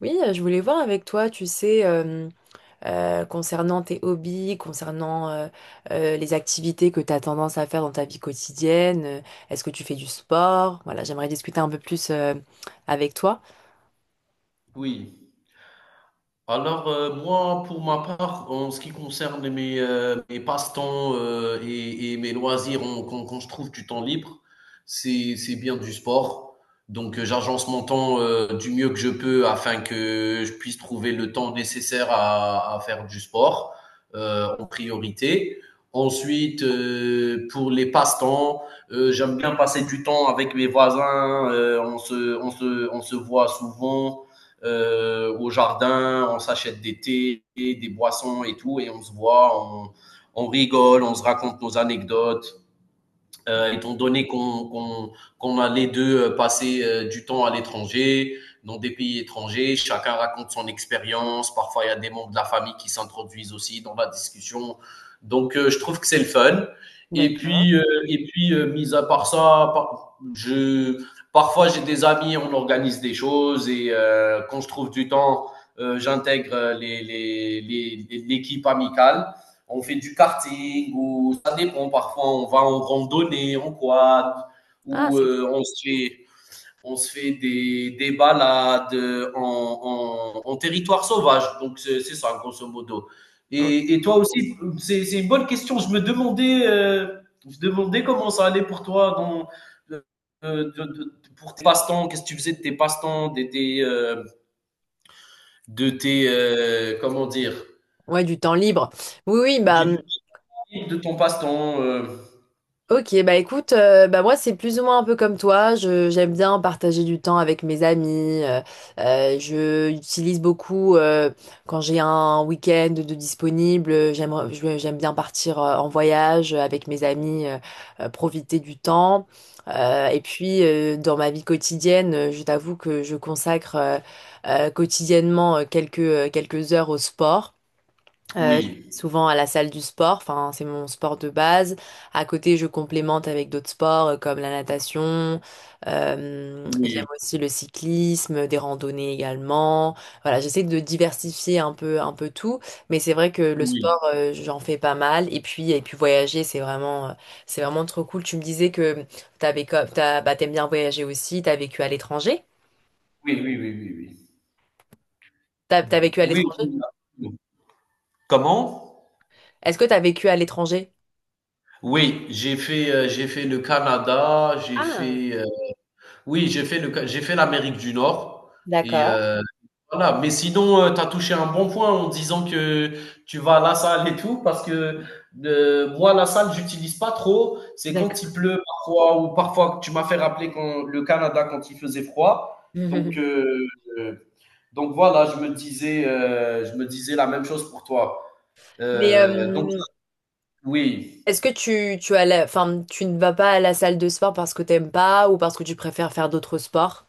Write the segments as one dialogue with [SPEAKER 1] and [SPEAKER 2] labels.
[SPEAKER 1] Oui, je voulais voir avec toi, tu sais, concernant tes hobbies, concernant les activités que tu as tendance à faire dans ta vie quotidienne. Est-ce que tu fais du sport? Voilà, j'aimerais discuter un peu plus avec toi.
[SPEAKER 2] Oui. Alors, moi, pour ma part, en ce qui concerne mes passe-temps et mes loisirs, quand je trouve du temps libre, c'est bien du sport. Donc, j'agence mon temps du mieux que je peux afin que je puisse trouver le temps nécessaire à faire du sport en priorité. Ensuite, pour les passe-temps, j'aime bien passer du temps avec mes voisins. On se voit souvent au jardin, on s'achète des thés, des boissons et tout, et on se voit, on rigole, on se raconte nos anecdotes. Étant donné qu'on a les deux passé du temps à l'étranger, dans des pays étrangers, chacun raconte son expérience. Parfois, il y a des membres de la famille qui s'introduisent aussi dans la discussion. Donc, je trouve que c'est le fun. Et
[SPEAKER 1] D'accord.
[SPEAKER 2] puis, euh, et puis, mis à part ça, parfois j'ai des amis, on organise des choses et quand je trouve du temps, j'intègre l'équipe amicale on fait du karting, ou ça dépend, parfois on va en randonnée, en quad,
[SPEAKER 1] Ah,
[SPEAKER 2] ou
[SPEAKER 1] c'est
[SPEAKER 2] on se fait des balades en territoire sauvage. Donc c'est ça, grosso modo.
[SPEAKER 1] cool.
[SPEAKER 2] Et toi aussi, c'est une bonne question. Je me demandais comment ça allait pour toi dans pour tes passe-temps. Qu'est-ce que tu faisais de tes passe-temps, de tes comment dire,
[SPEAKER 1] Ouais, du temps libre. Oui, oui, bah.
[SPEAKER 2] du de ton passe-temps. euh,
[SPEAKER 1] Ok, bah écoute, bah moi c'est plus ou moins un peu comme toi. Je j'aime bien partager du temps avec mes amis. Je utilise beaucoup quand j'ai un week-end de disponible. J'aime bien partir en voyage avec mes amis, profiter du temps. Et puis dans ma vie quotidienne, je t'avoue que je consacre quotidiennement quelques heures au sport. Je vais
[SPEAKER 2] oui.
[SPEAKER 1] souvent à la salle du sport, enfin, c'est mon sport de base. À côté, je complémente avec d'autres sports comme la natation. J'aime
[SPEAKER 2] Oui,
[SPEAKER 1] aussi le cyclisme, des randonnées également. Voilà, j'essaie de diversifier un peu tout, mais c'est vrai que le
[SPEAKER 2] oui,
[SPEAKER 1] sport, j'en fais pas mal. Et puis voyager, c'est vraiment trop cool. Tu me disais que bah, t'aimes bien voyager aussi. T'as vécu à l'étranger?
[SPEAKER 2] oui, oui, oui, oui, oui.
[SPEAKER 1] T'as vécu à
[SPEAKER 2] Oui,
[SPEAKER 1] l'étranger?
[SPEAKER 2] oui, absolument. Comment?
[SPEAKER 1] Est-ce que t'as vécu à l'étranger?
[SPEAKER 2] Oui, j'ai fait le Canada,
[SPEAKER 1] Ah,
[SPEAKER 2] oui, j'ai fait l'Amérique du Nord et
[SPEAKER 1] d'accord,
[SPEAKER 2] voilà. Mais sinon, tu as touché un bon point en disant que tu vas à la salle et tout parce que, moi, la salle, j'utilise pas trop. C'est quand
[SPEAKER 1] d'accord.
[SPEAKER 2] il pleut parfois ou parfois tu m'as fait rappeler quand le Canada, quand il faisait froid. Donc heu Donc voilà, je me disais la même chose pour toi.
[SPEAKER 1] Mais
[SPEAKER 2] Donc oui,
[SPEAKER 1] est-ce que tu enfin, tu ne vas pas à la salle de sport parce que t'aimes pas ou parce que tu préfères faire d'autres sports?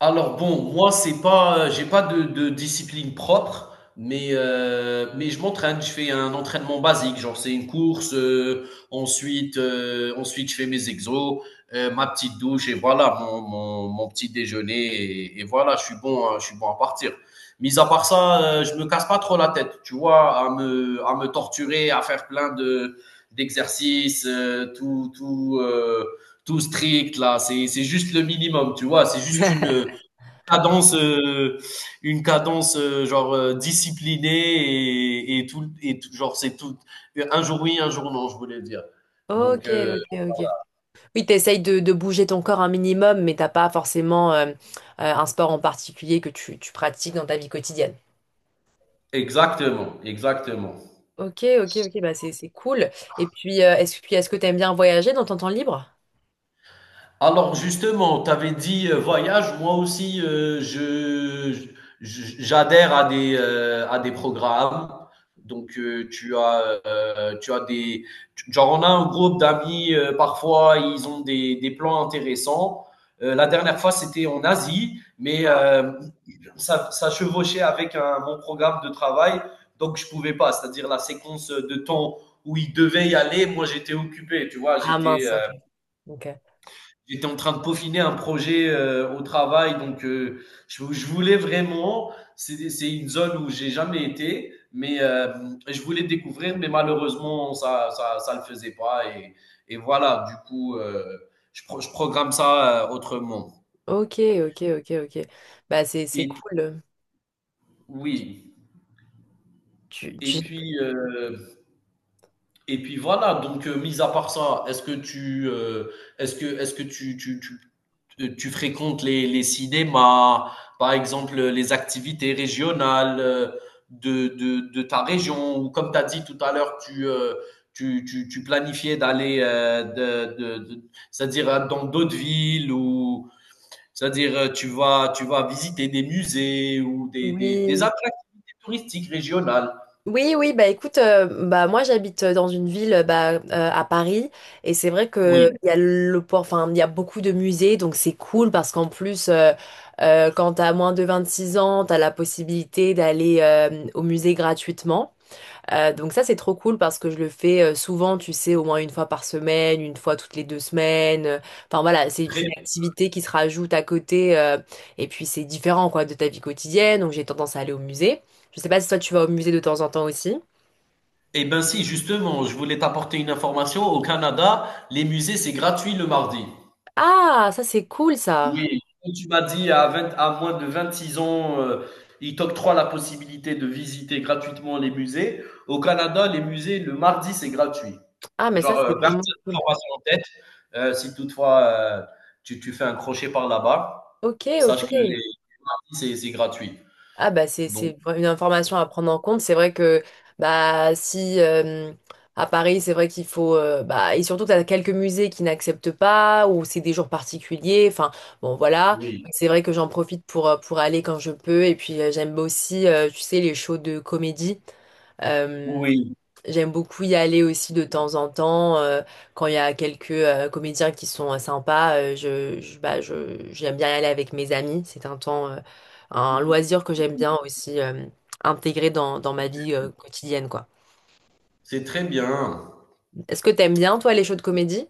[SPEAKER 2] alors bon, moi c'est pas, j'ai pas de discipline propre, mais je m'entraîne. Je fais un entraînement basique, genre c'est une course, ensuite je fais mes exos, ma petite douche et voilà mon petit déjeuner et voilà, je suis bon à partir. Mis à part ça, je me casse pas trop la tête, tu vois? À me torturer, à faire plein de d'exercices, tout strict là, c'est juste le minimum, tu vois? C'est juste cadence, euh, une cadence genre disciplinée et tout, genre c'est tout. Un jour oui, un jour non, je voulais dire. Donc
[SPEAKER 1] Ok,
[SPEAKER 2] euh,
[SPEAKER 1] ok, ok. Oui, t'essayes de, bouger ton corps un minimum, mais t'as pas forcément un sport en particulier que tu pratiques dans ta vie quotidienne.
[SPEAKER 2] exactement, exactement.
[SPEAKER 1] Ok, ok, ok, bah c'est cool. Et puis, est-ce que t'aimes bien voyager dans ton temps libre?
[SPEAKER 2] Alors justement, tu avais dit voyage, moi aussi j'adhère à des programmes. Donc tu as des genre on a un groupe d'amis parfois ils ont des plans intéressants. La dernière fois c'était en Asie, mais
[SPEAKER 1] Ah.
[SPEAKER 2] ça chevauchait avec un mon programme de travail, donc je pouvais pas, c'est-à-dire la séquence de temps où ils devaient y aller, moi j'étais occupé, tu vois,
[SPEAKER 1] Ah,
[SPEAKER 2] j'étais
[SPEAKER 1] mince,
[SPEAKER 2] euh,
[SPEAKER 1] ok.
[SPEAKER 2] J'étais en train de peaufiner un projet au travail, donc je voulais vraiment, c'est une zone où j'ai jamais été, mais je voulais découvrir, mais malheureusement, ça le faisait pas. Et voilà, du coup, je programme ça autrement.
[SPEAKER 1] Ok, ok, ok, ok, ok. Bah c'est
[SPEAKER 2] Et puis-
[SPEAKER 1] cool.
[SPEAKER 2] oui,
[SPEAKER 1] Tu,
[SPEAKER 2] et
[SPEAKER 1] tu...
[SPEAKER 2] puis euh, Et puis voilà, donc mis à part ça, est-ce que tu est-ce que tu fréquentes les cinémas, par exemple les activités régionales de ta région, ou comme tu as dit tout à l'heure, tu planifiais d'aller c'est-à-dire dans d'autres villes, ou c'est-à-dire tu vas visiter des musées ou des
[SPEAKER 1] Oui.
[SPEAKER 2] attractivités touristiques régionales.
[SPEAKER 1] Oui, oui, bah écoute, bah moi j'habite dans une ville bah, à Paris et c'est vrai que
[SPEAKER 2] Oui,
[SPEAKER 1] il y a le port, enfin il y a beaucoup de musées donc c'est cool parce qu'en plus quand t'as moins de 26 ans t'as la possibilité d'aller au musée gratuitement. Donc ça, c'est trop cool parce que je le fais souvent, tu sais, au moins une fois par semaine, une fois toutes les 2 semaines. Enfin voilà, c'est une activité qui se rajoute à côté et puis c'est différent quoi de ta vie quotidienne. Donc j'ai tendance à aller au musée. Je sais pas si toi tu vas au musée de temps en temps aussi.
[SPEAKER 2] eh ben si, justement, je voulais t'apporter une information. Au Canada, les musées, c'est gratuit le mardi.
[SPEAKER 1] Ah, ça c'est cool ça.
[SPEAKER 2] Oui, comme tu m'as dit 20 à moins de 26 ans, ils t'octroient la possibilité de visiter gratuitement les musées. Au Canada, les musées, le mardi, c'est gratuit.
[SPEAKER 1] Ah mais ça
[SPEAKER 2] Genre,
[SPEAKER 1] c'est
[SPEAKER 2] garde
[SPEAKER 1] vraiment
[SPEAKER 2] cette
[SPEAKER 1] cool.
[SPEAKER 2] information en tête. Si toutefois tu fais un crochet par là-bas,
[SPEAKER 1] Ok, ok.
[SPEAKER 2] sache que les mardis, c'est gratuit.
[SPEAKER 1] Ah bah c'est
[SPEAKER 2] Donc,
[SPEAKER 1] c'est vra- une information à prendre en compte. C'est vrai que bah si à Paris c'est vrai qu'il faut bah et surtout tu as quelques musées qui n'acceptent pas ou c'est des jours particuliers. Enfin bon voilà
[SPEAKER 2] oui,
[SPEAKER 1] c'est vrai que j'en profite pour aller quand je peux et puis j'aime aussi tu sais les shows de comédie.
[SPEAKER 2] oui,
[SPEAKER 1] J'aime beaucoup y aller aussi de temps en temps quand il y a quelques comédiens qui sont sympas. J'aime bien y aller avec mes amis. C'est un temps, un loisir que j'aime bien aussi intégrer dans ma vie quotidienne, quoi.
[SPEAKER 2] c'est très bien.
[SPEAKER 1] Est-ce que t'aimes bien, toi, les shows de comédie?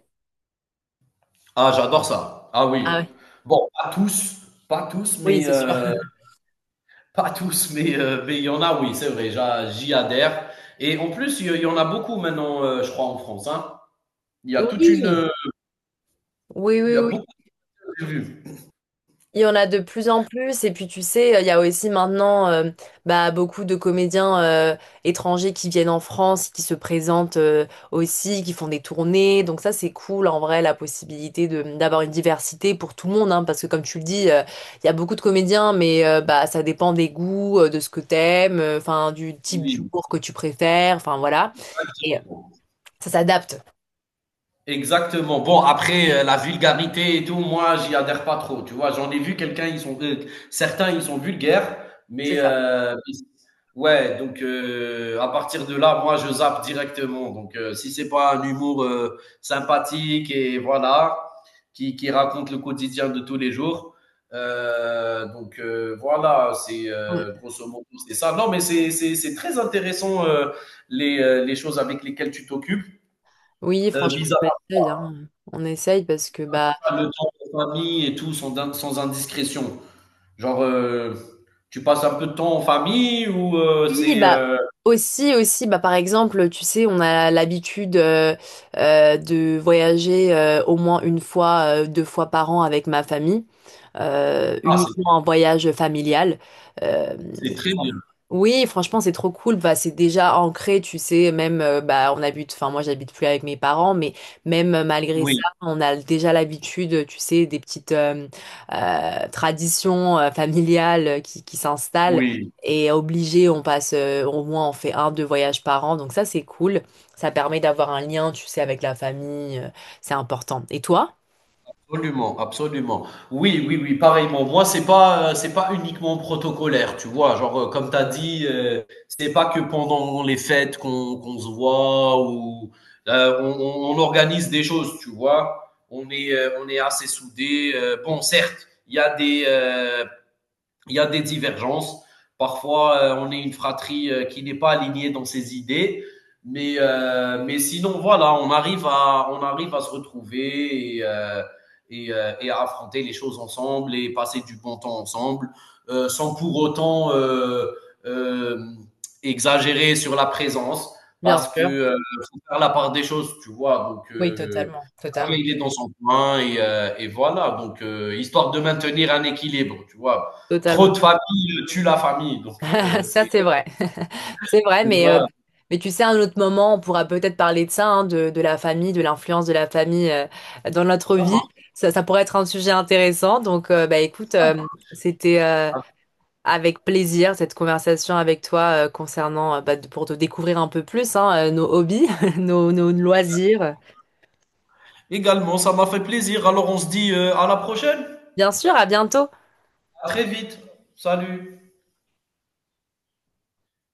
[SPEAKER 2] Ah, j'adore ça. Ah oui.
[SPEAKER 1] Ah ouais.
[SPEAKER 2] Bon, pas tous, pas tous,
[SPEAKER 1] Oui,
[SPEAKER 2] mais
[SPEAKER 1] c'est sûr.
[SPEAKER 2] pas tous, mais il y en a, oui, c'est vrai, j'y adhère. Et en plus, il y en a beaucoup maintenant, je crois, en France, hein. Il y a toute une,
[SPEAKER 1] Oui, oui,
[SPEAKER 2] il
[SPEAKER 1] oui,
[SPEAKER 2] y a beaucoup
[SPEAKER 1] oui.
[SPEAKER 2] de vues.
[SPEAKER 1] Il y en a de plus en plus, et puis tu sais, il y a aussi maintenant bah, beaucoup de comédiens étrangers qui viennent en France, qui se présentent aussi, qui font des tournées. Donc ça, c'est cool en vrai, la possibilité de d'avoir une diversité pour tout le monde, hein, parce que comme tu le dis, il y a beaucoup de comédiens, mais bah, ça dépend des goûts, de ce que t'aimes, enfin du type
[SPEAKER 2] Oui,
[SPEAKER 1] d'humour que tu préfères, enfin voilà. Et
[SPEAKER 2] exactement.
[SPEAKER 1] ça s'adapte.
[SPEAKER 2] Exactement. Bon, après, la vulgarité et tout, moi, j'y adhère pas trop. Tu vois, j'en ai vu quelqu'un, certains, ils sont vulgaires, mais
[SPEAKER 1] C'est ça.
[SPEAKER 2] ouais, donc à partir de là, moi, je zappe directement. Donc, si c'est pas un humour sympathique et voilà, qui raconte le quotidien de tous les jours, donc voilà, c'est
[SPEAKER 1] Ouais.
[SPEAKER 2] grosso modo, c'est ça. Non, mais c'est très intéressant les choses avec lesquelles tu t'occupes.
[SPEAKER 1] Oui,
[SPEAKER 2] Euh,
[SPEAKER 1] franchement,
[SPEAKER 2] mis
[SPEAKER 1] on essaye, hein. On essaye parce que bah.
[SPEAKER 2] ça, le temps en famille et tout, sans indiscrétion. Genre, tu passes un peu de temps en famille ou euh,
[SPEAKER 1] Oui,
[SPEAKER 2] c'est...
[SPEAKER 1] bah
[SPEAKER 2] euh,
[SPEAKER 1] aussi, aussi, bah par exemple, tu sais, on a l'habitude de voyager au moins une fois, 2 fois par an avec ma famille,
[SPEAKER 2] Ah, c'est
[SPEAKER 1] uniquement en voyage familial. Euh,
[SPEAKER 2] c'est très bien.
[SPEAKER 1] oui, franchement, c'est trop cool. Bah, c'est déjà ancré, tu sais. Même, bah, on habite. Enfin, moi, j'habite plus avec mes parents, mais même malgré ça,
[SPEAKER 2] Oui,
[SPEAKER 1] on a déjà l'habitude, tu sais, des petites traditions familiales qui s'installent.
[SPEAKER 2] oui,
[SPEAKER 1] Et obligé, on passe au moins, on fait un, deux voyages par an. Donc ça, c'est cool. Ça permet d'avoir un lien, tu sais, avec la famille. C'est important. Et toi?
[SPEAKER 2] absolument, absolument. Oui, oui, oui, pareillement. Moi, c'est pas uniquement protocolaire, tu vois. Genre, comme tu as dit, c'est pas que pendant les fêtes qu'on se voit ou on organise des choses, tu vois. On est assez soudés. Bon, certes, il y a il y a des divergences. Parfois, on est une fratrie qui n'est pas alignée dans ses idées. Mais sinon, voilà, on arrive à se retrouver et à affronter les choses ensemble et passer du bon temps ensemble, sans pour autant euh, exagérer sur la présence,
[SPEAKER 1] Bien
[SPEAKER 2] parce que
[SPEAKER 1] sûr.
[SPEAKER 2] faut faire la part des choses, tu vois. Donc,
[SPEAKER 1] Oui, totalement,
[SPEAKER 2] chacun,
[SPEAKER 1] totalement.
[SPEAKER 2] il est dans son coin et voilà. Donc, histoire de maintenir un équilibre, tu vois. Trop
[SPEAKER 1] Totalement.
[SPEAKER 2] de famille tue la famille. Donc,
[SPEAKER 1] Ça,
[SPEAKER 2] c'est.
[SPEAKER 1] c'est vrai. C'est vrai,
[SPEAKER 2] Tu
[SPEAKER 1] mais, euh,
[SPEAKER 2] vois,
[SPEAKER 1] mais tu sais, à un autre moment, on pourra peut-être parler de ça, hein, de la famille, de l'influence de la famille dans notre
[SPEAKER 2] ça
[SPEAKER 1] vie.
[SPEAKER 2] marche,
[SPEAKER 1] Ça pourrait être un sujet intéressant. Donc, bah, écoute,
[SPEAKER 2] ça
[SPEAKER 1] c'était
[SPEAKER 2] marche.
[SPEAKER 1] avec plaisir cette conversation avec toi concernant, bah, pour te découvrir un peu plus, hein, nos hobbies, nos loisirs.
[SPEAKER 2] Également, ça m'a fait plaisir. Alors, on se dit à la prochaine.
[SPEAKER 1] Bien sûr, à bientôt.
[SPEAKER 2] À très vite. Salut.